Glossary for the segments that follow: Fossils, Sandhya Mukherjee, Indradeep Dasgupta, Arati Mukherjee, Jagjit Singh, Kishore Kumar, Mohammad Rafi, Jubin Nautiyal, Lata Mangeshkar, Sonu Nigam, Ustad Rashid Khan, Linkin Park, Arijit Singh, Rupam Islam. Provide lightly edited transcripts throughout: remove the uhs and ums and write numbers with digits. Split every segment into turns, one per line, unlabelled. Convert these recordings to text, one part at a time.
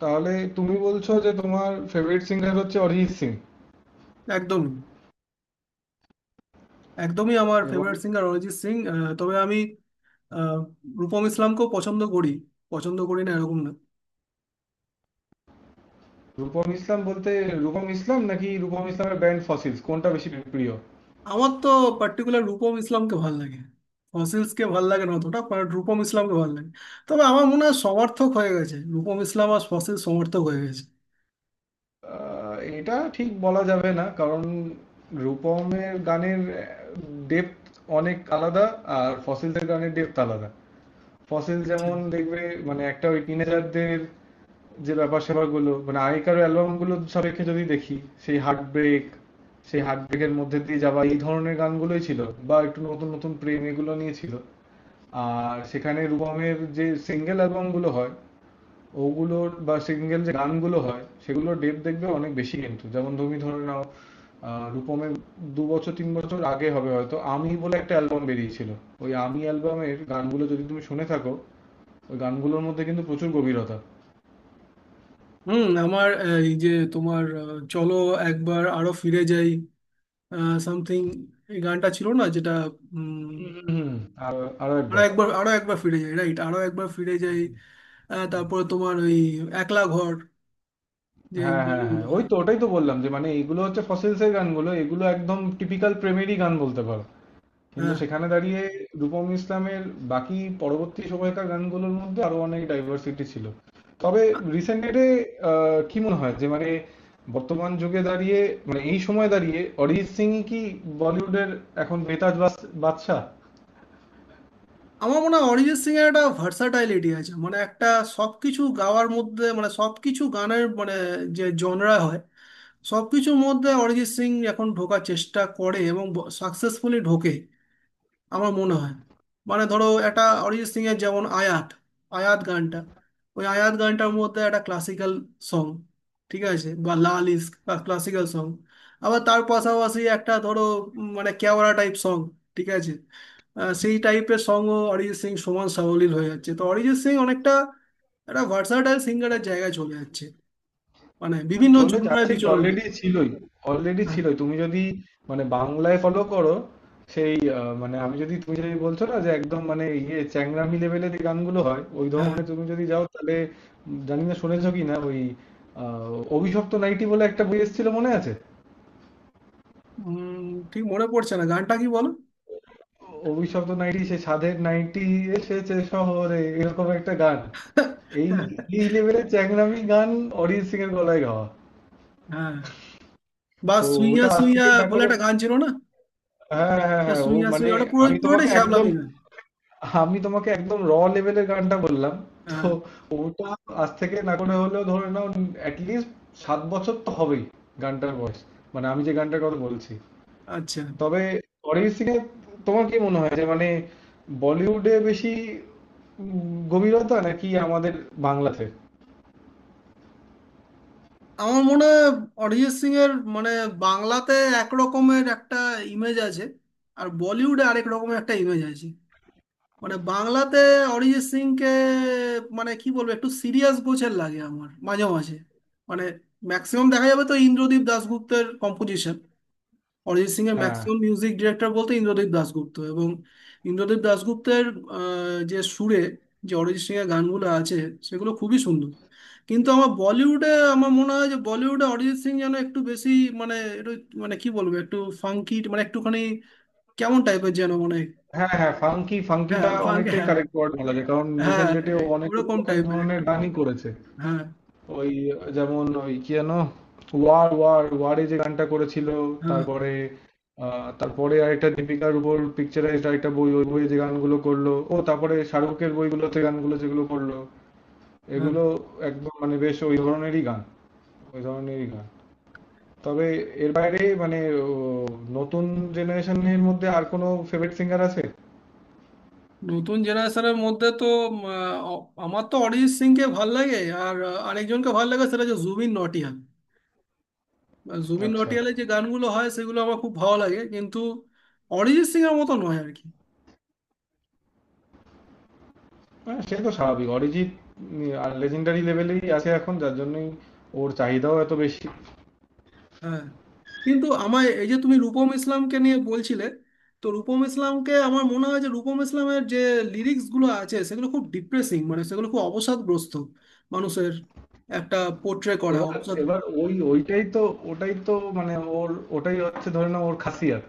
তাহলে তুমি বলছো যে তোমার ফেভারিট সিঙ্গার হচ্ছে অরিজিৎ সিং।
একদমই। আমার
এবং
ফেভারিট সিঙ্গার অরিজিৎ সিং। তবে আমি আহ, রূপম ইসলামকেও পছন্দ করি। পছন্দ করি না এরকম না।
রূপম ইসলাম বলতে রূপম ইসলাম নাকি রূপম ইসলামের ব্যান্ড ফসিলস কোনটা বেশি প্রিয়?
আমার তো পার্টিকুলার রূপম ইসলামকে ভাল লাগে। ফসিলসকে ভাল লাগে না অতটা, বাট রূপম ইসলামকে ভাল লাগে। তবে আমার মনে হয় সমর্থক হয়ে গেছে রূপম ইসলাম আর ফসিল সমর্থক হয়ে গেছে।
এটা ঠিক বলা যাবে না কারণ রূপমের গানের ডেপথ অনেক আলাদা, আর ফসিলসের গানের ডেপথ আলাদা। ফসিল যেমন দেখবে, মানে একটা ওই টিনেজারদের যে ব্যাপার স্যাপারগুলো, মানে আগেকার অ্যালবামগুলো সাপেক্ষে যদি দেখি, সেই হার্ট ব্রেক, সেই হার্ট ব্রেকের মধ্যে দিয়ে যাওয়া এই ধরনের গানগুলোই ছিল, বা একটু নতুন নতুন প্রেম এগুলো নিয়ে ছিল। আর সেখানে রূপমের যে সিঙ্গেল অ্যালবামগুলো হয়, ওগুলোর বা সিঙ্গেল যে গানগুলো হয় সেগুলোর ডেপ দেখবে অনেক বেশি। কিন্তু যেমন তুমি ধরে নাও, রূপমের 2 বছর 3 বছর আগে হবে হয়তো, আমি বলে একটা অ্যালবাম বেরিয়েছিল। ওই আমি অ্যালবামের গানগুলো যদি তুমি শুনে থাকো, ওই গানগুলোর মধ্যে কিন্তু প্রচুর গভীরতা।
হুম। আমার এই যে তোমার চলো একবার আরো ফিরে যাই, সামথিং, এই গানটা ছিল না যেটা? উম,
হুম। আর আরো
আরো
একবার।
একবার, আরো একবার ফিরে যাই, রাইট, আরো একবার ফিরে যাই। হ্যাঁ, তারপরে তোমার ওই একলা ঘর যে
হ্যাঁ, হ্যাঁ, হ্যাঁ,
গানগুলো।
ওই
হ্যাঁ।
তো, ওটাই তো বললাম যে, মানে এগুলো হচ্ছে ফসিলস এর গানগুলো, এগুলো একদম টিপিক্যাল প্রেমেরই গান বলতে পারো। কিন্তু
হ্যাঁ।
সেখানে দাঁড়িয়ে রূপম ইসলামের বাকি পরবর্তী সময়কার গানগুলোর মধ্যে আরো অনেক ডাইভার্সিটি ছিল। তবে
আ-
রিসেন্ট ডেটে কি মনে হয় যে মানে, বর্তমান যুগে দাঁড়িয়ে, মানে এই সময় দাঁড়িয়ে অরিজিৎ সিং কি বলিউডের এখন বেতাজ বাদশাহ?
আমার মনে হয় অরিজিৎ সিং এর একটা ভার্সাটাইলিটি আছে, মানে একটা সবকিছু গাওয়ার মধ্যে, মানে সবকিছু গানের মানে যে জনরা হয়, সবকিছুর মধ্যে অরিজিৎ সিং এখন ঢোকার চেষ্টা করে এবং সাকসেসফুলি ঢোকে, আমার মনে হয়। মানে ধরো একটা অরিজিৎ সিং এর যেমন আয়াত, আয়াত গানটা, ওই আয়াত গানটার মধ্যে একটা ক্লাসিক্যাল সং, ঠিক আছে, বা লাল ইস্ক বা ক্লাসিক্যাল সং। আবার তার পাশাপাশি একটা ধরো মানে ক্যাওড়া টাইপ সং, ঠিক আছে, সেই টাইপের সঙ্গও অরিজিৎ সিং সমান সাবলীল হয়ে যাচ্ছে। তো অরিজিৎ সিং অনেকটা একটা ভার্সাটাইল সিঙ্গারের জায়গায় চলে যাচ্ছে, মানে বিভিন্ন
চলে
জনরায়
যাচ্ছে কি?
বিচরণ
অলরেডি
করছে।
ছিলই, অলরেডি
হ্যাঁ।
ছিলই। তুমি যদি মানে বাংলায় ফলো করো, সেই মানে আমি যদি, তুমি যদি বলছো না যে একদম মানে ইয়ে চ্যাংরামি লেভেলের যে গানগুলো হয় ওই
হ্যাঁ।
ধরনের তুমি যদি যাও, তাহলে জানি না শুনেছো কি না, ওই আহ, অভিশপ্ত নাইটি বলে একটা বই এসেছিল মনে আছে?
উম, ঠিক মনে পড়ছে না, গানটা কি বলো?
অভিশপ্ত নাইটি সে সাধের নাইটি এসেছে শহরে, এরকম একটা গান। এই এই লেভেলের চ্যাংরামি গান অরিজিৎ সিং এর গলায় গাওয়া।
হ্যাঁ, বা
তো
সুইয়া
ওটা আজ
সুইয়া
থেকে দেখো,
বলে একটা গান ছিল না?
হ্যাঁ হ্যাঁ হ্যাঁ
এটা
হ্যাঁ, ও
সুইয়া
মানে,
সুইয়া, ওটা পুরো
আমি
পুরোটাই
তোমাকে একদম,
শ্যামলামি গান।
আমি তোমাকে একদম র লেভেলের গানটা বললাম। তো
হ্যাঁ।
ওটা আজ থেকে না করে হলেও ধরে নাও অ্যাটলিস্ট 7 বছর তো হবেই গানটার বয়স, মানে আমি যে গানটার কথা বলছি।
আচ্ছা।
তবে অরিজিৎ সিং এর, তোমার কি মনে হয় যে মানে, বলিউডে বেশি উম, গভীরতা নাকি আমাদের বাংলাতে?
আমার মনে হয় অরিজিৎ সিং এর মানে বাংলাতে এক রকমের একটা ইমেজ আছে, আর বলিউডে আরেক রকমের একটা ইমেজ আছে। মানে বাংলাতে অরিজিৎ সিং কে মানে কি বলবো, একটু সিরিয়াস গোছের লাগে আমার মাঝে মাঝে। মানে ম্যাক্সিমাম দেখা যাবে তো ইন্দ্রদীপ দাশগুপ্তের কম্পোজিশন। অরিজিৎ সিং এর
হ্যাঁ
ম্যাক্সিমাম মিউজিক ডিরেক্টর বলতে ইন্দ্রদীপ দাশগুপ্ত, এবং ইন্দ্রদীপ দাশগুপ্তের যে সুরে যে অরিজিৎ সিং এর গানগুলো আছে সেগুলো খুবই সুন্দর। কিন্তু আমার বলিউডে, আমার মনে হয় যে বলিউডে অরিজিৎ সিং যেন একটু বেশি মানে একটু মানে কি বলবো, একটু ফাঙ্কি মানে একটুখানি কেমন টাইপের যেন মানে।
হ্যাঁ হ্যাঁ, ফাঙ্কি,
হ্যাঁ
ফাঙ্কিটা
ফাঙ্কি,
অনেকটাই
হ্যাঁ।
কারেক্ট ওয়ার্ড বলা যায়, কারণ
হ্যাঁ,
রিসেন্ট ডেটে ও
এই--
অনেক
ওরকম
রকম
টাইপের
ধরনের
একটু।
গানই করেছে।
হ্যাঁ।
ওই যেমন ওই কি যেন, ওয়ার ওয়ার ওয়ারে যে গানটা করেছিল,
হ্যাঁ।
তারপরে তারপরে আরেকটা দীপিকার উপর পিকচারাইজড আরেকটা বই, ওই বইয়ে যে গানগুলো করলো ও, তারপরে শাহরুখের বইগুলোতে গানগুলো যেগুলো করলো,
হ্যাঁ।
এগুলো একদম মানে বেশ ওই ধরনেরই গান, ওই ধরনেরই গান। তবে এর বাইরে মানে, ও, নতুন জেনারেশনের মধ্যে আর কোনো ফেভারিট সিঙ্গার আছে?
নতুন জেনারেশনের মধ্যে তো উম, আহ, আমার তো অরিজিৎ সিংকে ভাল লাগে, আর আরেকজনকে ভাল লাগে সেটা হচ্ছে জুবিন নটিয়াল। জুবিন
আচ্ছা।
নটিয়ালের যে গানগুলো হয় সেগুলো আমার খুব ভালো লাগে, কিন্তু অরিজিৎ সিং এর মতো নয় আর কি।
হ্যাঁ সে তো স্বাভাবিক, অরিজিৎ উম, আর লেজেন্ডারি লেভেলেই আছে এখন, যার জন্যই ওর চাহিদাও এত বেশি।
হ্যাঁ। কিন্তু আমার এই যে তুমি রূপম ইসলামকে নিয়ে বলছিলে, তো রূপম ইসলামকে আমার মনে হয় যে রূপম ইসলামের যে লিরিক্সগুলো আছে সেগুলো খুব ডিপ্রেসিং, মানে সেগুলো খুব অবসাদগ্রস্ত মানুষের একটা পোট্রে করা
এবার,
অবসাদ।
এবার ওই, ওইটাই তো ওটাই তো মানে, ওর, ওটাই হচ্ছে ধরে নাও ওর খাসিয়াত,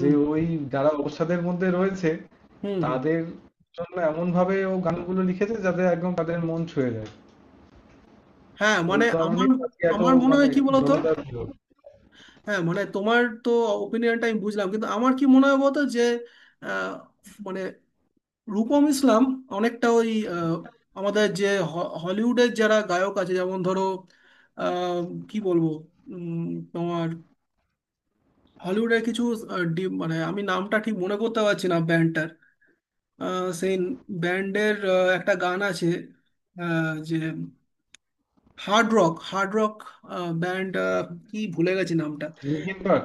যে ওই যারা অবসাদের মধ্যে রয়েছে
হুম। হুম।
তাদের জন্য এমন ভাবে ও গানগুলো লিখেছে যাতে একদম তাদের মন ছুঁয়ে যায়।
হ্যাঁ
ওই
মানে আমার,
কারণেই আজকে এত
আমার মনে
মানে
হয় কি বলতো।
জনতার ভিড়।
হ্যাঁ মানে তোমার তো ওপিনিয়নটা আমি বুঝলাম, কিন্তু আমার কি মনে হয় বলতো যে আহ, মানে রূপম ইসলাম অনেকটা ওই আহ, আমাদের যে হলিউডের যারা গায়ক আছে, যেমন ধরো আহ, কি বলবো উম, তোমার হলিউডের কিছু মানে আমি নামটা ঠিক মনে করতে পারছি না ব্যান্ডটার। সেই ব্যান্ডের একটা গান আছে যে hard rock, hard rock band, কি ভুলে গেছি নামটা।
নিখিল পাঠ।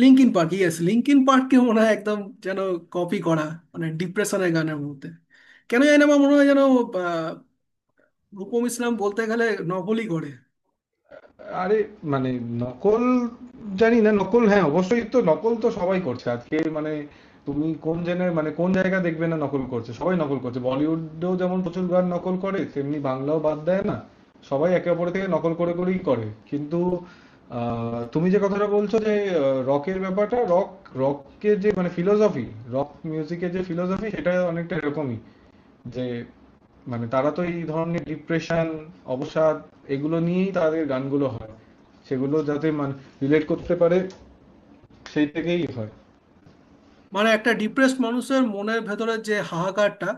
লিঙ্কিন পার্ক, ইয়েস, লিঙ্কিন পার্ককে মনে হয় একদম যেন কপি করা মানে ডিপ্রেশনের গানের মধ্যে। কেন জানি না আমার মনে হয় যেন রূপম ইসলাম বলতে গেলে নভেলই করে।
আরে মানে, নকল, জানি না, নকল হ্যাঁ, অবশ্যই তো। নকল তো সবাই করছে আজকে, মানে তুমি কোন জেনের, মানে কোন জায়গা দেখবে না নকল করছে? সবাই নকল করছে, বলিউডেও যেমন প্রচুর গান নকল করে, তেমনি বাংলাও বাদ দেয় না। সবাই একে অপরের থেকে নকল করে করেই করে। কিন্তু তুমি যে কথাটা বলছো যে রকের ব্যাপারটা, রক, রককে যে মানে ফিলোসফি, রক মিউজিকের যে ফিলোসফি সেটা অনেকটা এরকমই, যে মানে তারা তো এই ধরনের ডিপ্রেশন, অবসাদ, এগুলো নিয়েই তাদের গানগুলো হয়, সেগুলো যাতে মানে রিলেট করতে পারে সেই থেকেই হয়।
মানে একটা ডিপ্রেসড মানুষের মনের ভেতরের যে হাহাকারটা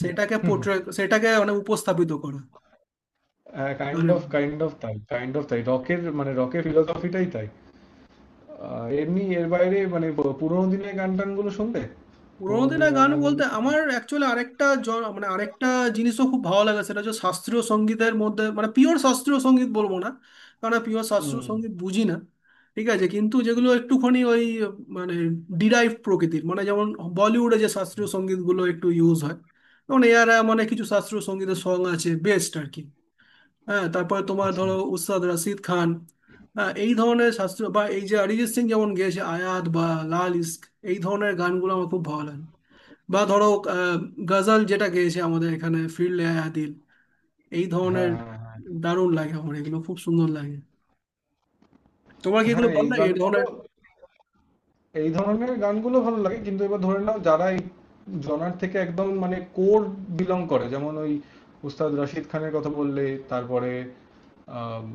সেটাকে পোট্রে, সেটাকে মানে উপস্থাপিত করে
কাইন্ড
গানের
অফ,
মধ্যে।
কাইন্ড অফ তাই, কাইন্ড অফ তাই, রকের মানে রকের ফিলোসফিটাই তাই। এমনি এর বাইরে মানে পুরোনো দিনের গান টানগুলো শুনবে,
পুরোনো
পুরোনো দিনের
দিনের
গান
গান
টানগুলো
বলতে
শুনো?
আমার অ্যাকচুয়ালি আরেকটা, মানে আরেকটা জিনিসও খুব ভালো লাগে, সেটা হচ্ছে শাস্ত্রীয় সঙ্গীতের মধ্যে মানে পিওর শাস্ত্রীয় সঙ্গীত বলবো না, কারণ পিওর শাস্ত্রীয়
হুম।
সঙ্গীত বুঝি না, ঠিক আছে, কিন্তু যেগুলো একটুখানি ওই মানে ডিরাইভ প্রকৃতির, মানে যেমন বলিউডে যে শাস্ত্রীয় সঙ্গীতগুলো একটু ইউজ হয়, যেমন এরা মানে কিছু শাস্ত্রীয় সঙ্গীতের সং আছে বেস্ট আর কি। হ্যাঁ, তারপরে তোমার
আচ্ছা।
ধরো উস্তাদ রাশিদ খান, হ্যাঁ, এই ধরনের শাস্ত্রীয়, বা এই যে অরিজিৎ সিং যেমন গেয়েছে আয়াত বা লাল ইস্ক, এই ধরনের গানগুলো আমার খুব ভালো লাগে। বা ধরো আহ, গজাল যেটা গেয়েছে আমাদের এখানে ফিরলে আয়া দিল, এই ধরনের
হ্যাঁ হ্যাঁ হ্যাঁ
দারুণ লাগে আমার, এগুলো খুব সুন্দর লাগে। তোমার কি এগুলো
হ্যাঁ, এই
ভালো লাগে এই
গানগুলো,
ধরনের
এই ধরনের গানগুলো ভালো লাগে। কিন্তু এবার ধরে নাও যারা এই জনার থেকে একদম মানে কোর বিলং করে, যেমন ওই উস্তাদ রাশিদ খানের কথা বললে, তারপরে আম,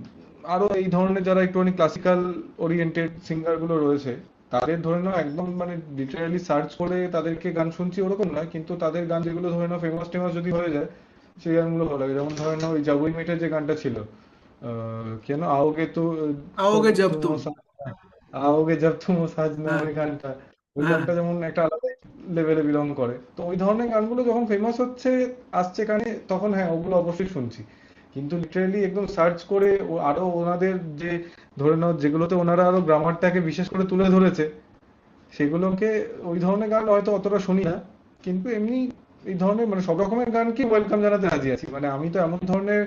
আরো এই ধরনের যারা একটুখানি ক্লাসিক্যাল ওরিয়েন্টেড সিঙ্গার গুলো রয়েছে, তাদের ধরে নাও একদম মানে লিটারালি সার্চ করে তাদেরকে গান শুনছি ওরকম নয়, কিন্তু তাদের গান যেগুলো ধরে নাও ফেমাস টেমাস যদি হয়ে যায়, সেই গানগুলো ভালো লাগে। যেমন ধরে নাও ওই জাগুই মেটের যে গানটা ছিল, अ, क्या ना आओगे तो,
आओगे
कब
जब
तुम हो
तुम?
साथ, आओगे জব তুম ও সাजना,
হ্যাঁ।
ওই গানটা, ওই
হ্যাঁ।
গানটা যেমন একটা আলাদা লেভেলে বিলং করে। তো ওই ধরনের গানগুলো যখন ফেমাস হচ্ছে, আসছে কানে, তখন হ্যাঁ ওগুলো অবশ্যই শুনছি। কিন্তু লিটারেলি একদম সার্চ করে ও আরো ওনাদের যে, ধরে নাও যেগুলোতে ওনারা আরো গ্রামারটাকে বিশেষ করে তুলে ধরেছে সেগুলোকে, ওই ধরনের গান হয়তো অতটা শুনি না। কিন্তু এমনি এই ধরনের মানে সব রকমের গানকে ওয়েলকাম জানাতে রাজি আছি। মানে আমি তো এমন ধরনের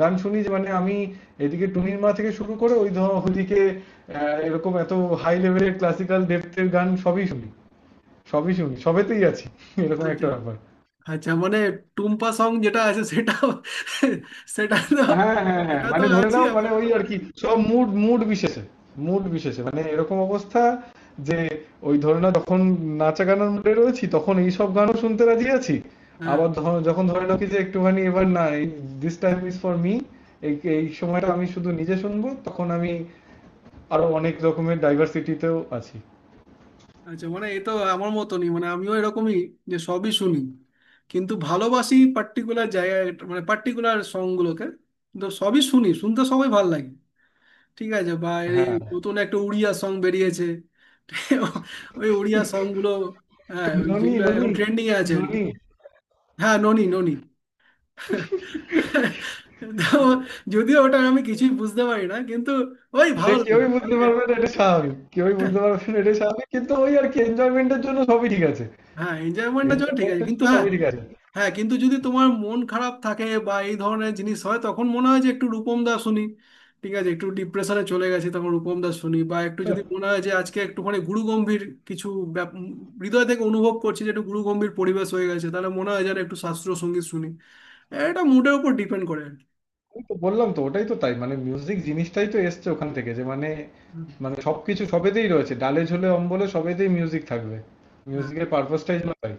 গান শুনি যে, মানে আমি এদিকে টুনির মা থেকে শুরু করে ওই ধর, ওদিকে এরকম এত হাই লেভেলের ক্লাসিক্যাল ডেপথের গান সবই শুনি, সবই শুনি, সবেতেই আছি, এরকম
আচ্ছা।
একটা ব্যাপার।
আচ্ছা মানে টুম্পা সং যেটা আছে, সেটা সেটা তো,
হ্যাঁ, হ্যাঁ, হ্যাঁ।
এটা তো
মানে ধরে
আছি
নাও, মানে
আবার।
ওই আরকি, সব মুড মুড বিশেষে। মুড বিশেষে। মানে এরকম অবস্থা যে ওই ধরে নাও যখন নাচা গানের মুডে রয়েছি তখন এইসব গানও শুনতে রাজি আছি।
হ্যাঁ।
আবার যখন ধরে নাও কি যে একটুখানি এবার না, this time is for me, এই এই সময়টা আমি শুধু নিজে শুনবো, তখন আমি আরো অনেক রকমের ডাইভার্সিটিতেও আছি।
আচ্ছা মানে এ তো আমার মতনই, মানে আমিও এরকমই যে সবই শুনি কিন্তু ভালোবাসি পার্টিকুলার জায়গায়, মানে পার্টিকুলার সংগুলোকে, কিন্তু সবই শুনি, শুনতে সবাই ভালো লাগে। ঠিক আছে বা এর এই
হ্যাঁ।
নতুন একটা উড়িয়া সং বেরিয়েছে। ওই উড়িয়া সং গুলো, হ্যাঁ ওই
ননি,
যেগুলো এখন
ননি,
ট্রেন্ডিং এ আছে আর কি।
ননি।
হ্যাঁ ননি ননি। তো যদিও ওটা আমি কিছুই বুঝতে পারি না, কিন্তু ওই
সে
ভালো লাগে।
কেউই বুঝতে পারবে না, এটা স্বাভাবিক। কেউই বুঝতে পারবে না, এটা স্বাভাবিক। কিন্তু ওই আর কি, এনজয়মেন্টের জন্য সবই ঠিক আছে।
হ্যাঁ এনজয়মেন্টটা জন্য ঠিক আছে
ইন্টারনেটে
কিন্তু,
তো
হ্যাঁ।
সবই ঠিক আছে।
হ্যাঁ, কিন্তু যদি তোমার মন খারাপ থাকে বা এই ধরনের জিনিস হয় তখন মনে হয় যে একটু রূপম দা শুনি, ঠিক আছে, একটু ডিপ্রেশনে চলে গেছি তখন রূপম দা শুনি, বা একটু যদি মনে হয় যে আজকে একটুখানি গুরু গম্ভীর কিছু ব্যাপ- উম, হৃদয় থেকে অনুভব করছি যে একটু গুরু গম্ভীর পরিবেশ হয়ে গেছে, তাহলে মনে হয় যেন একটু শাস্ত্রীয় সঙ্গীত শুনি। এটা মুডের উপর ডিপেন্ড করে।
আমি তো বললাম তো, ওটাই তো তাই, মানে মিউজিক জিনিসটাই তো এসছে ওখান থেকে যে, মানে,
হুম।
মানে সবকিছু সবেতেই রয়েছে, ডালে ঝোলে অম্বলে সবেতেই মিউজিক থাকবে।
হ্যাঁ।
মিউজিকের পারপাসটাই যেন তাই।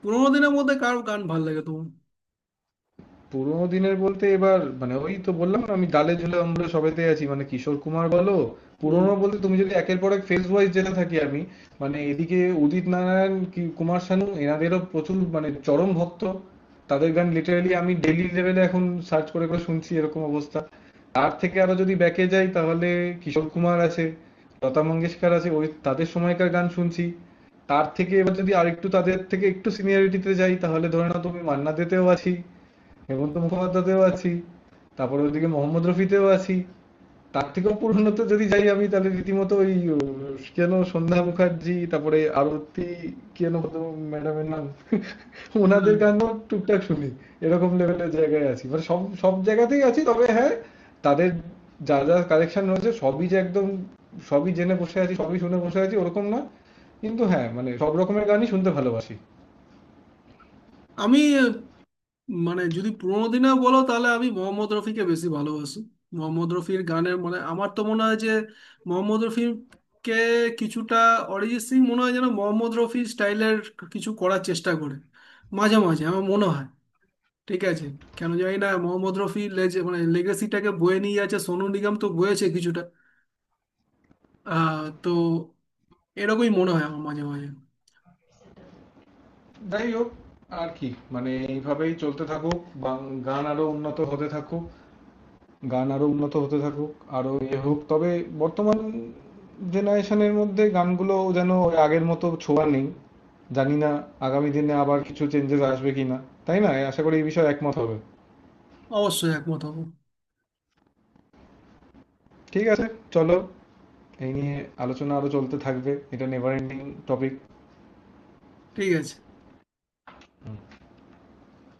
পুরোনো দিনের মধ্যে কার গান ভালো লাগে তোমার?
পুরোনো দিনের বলতে এবার, মানে ওই তো বললাম না, আমি ডালে ঝুলে অম্বলে সবেতে আছি, মানে কিশোর কুমার বলো,
হুম।
পুরোনো বলতে তুমি যদি একের পর এক ফেজ ওয়াইজ যেতে থাকি আমি, মানে এদিকে উদিত নারায়ণ কি কুমার শানু, এনাদেরও প্রচুর মানে চরম ভক্ত, তাদের গান লিটারালি আমি ডেইলি লেভেলে এখন সার্চ করে করে শুনছি, এরকম অবস্থা। তার থেকে আরো যদি ব্যাকে যাই তাহলে কিশোর কুমার আছে, লতা মঙ্গেশকর আছে, ওই তাদের সময়কার গান শুনছি। তার থেকে এবার যদি আরেকটু তাদের থেকে একটু সিনিয়রিটিতে যাই, তাহলে ধরে নাও তুমি মান্না দেতেও আছি, হেমন্ত মুখোপাধ্যায়তেও আছি, তারপরে ওদিকে মোহাম্মদ রফিতেও আছি। তার থেকেও পুরনো তো যদি যাই আমি তাহলে রীতিমতো ওই, কেন সন্ধ্যা মুখার্জি, তারপরে আরতি, কেন ম্যাডামের নাম,
হ্যাঁ।
ওনাদের গানও টুকটাক শুনি। এরকম লেভেলের জায়গায় আছি, মানে সব সব জায়গাতেই আছি। তবে হ্যাঁ, তাদের যা যা কালেকশন রয়েছে সবই যে একদম সবই জেনে বসে আছি, সবই শুনে বসে আছি, ওরকম না। কিন্তু হ্যাঁ মানে সব রকমের গানই শুনতে ভালোবাসি।
আমি মানে যদি পুরোনো দিনে বলো তাহলে আমি মোহাম্মদ রফিকে বেশি ভালোবাসি। মোহাম্মদ রফির গানের মানে আমার তো মনে হয় যে মোহাম্মদ রফিকে কিছুটা অরিজিৎ সিং মনে হয় যেন মোহাম্মদ রফি স্টাইলের কিছু করার চেষ্টা করে মাঝে মাঝে, আমার মনে হয়, ঠিক আছে। কেন জানি না মোহাম্মদ রফি লেজে মানে লেগেসিটাকে বয়ে নিয়ে যাচ্ছে, সোনু নিগম তো বয়েছে কিছুটা, আহ তো এরকমই মনে হয় আমার মাঝে মাঝে।
যাই হোক, আর কি, মানে এইভাবেই চলতে থাকুক, গান আরো উন্নত হতে থাকুক, গান আরো উন্নত হতে থাকুক, আরো এ হোক। তবে বর্তমান জেনারেশনের মধ্যে গানগুলো যেন ওই আগের মতো ছোঁয়া নেই। জানি না আগামী দিনে আবার কিছু চেঞ্জেস আসবে কিনা। তাই না, আশা করি এই বিষয়ে একমত হবে।
অবশ্যই একমত হবো।
ঠিক আছে, চলো, এই নিয়ে আলোচনা আরো চলতে থাকবে, এটা নেভার এন্ডিং টপিক।
ঠিক আছে।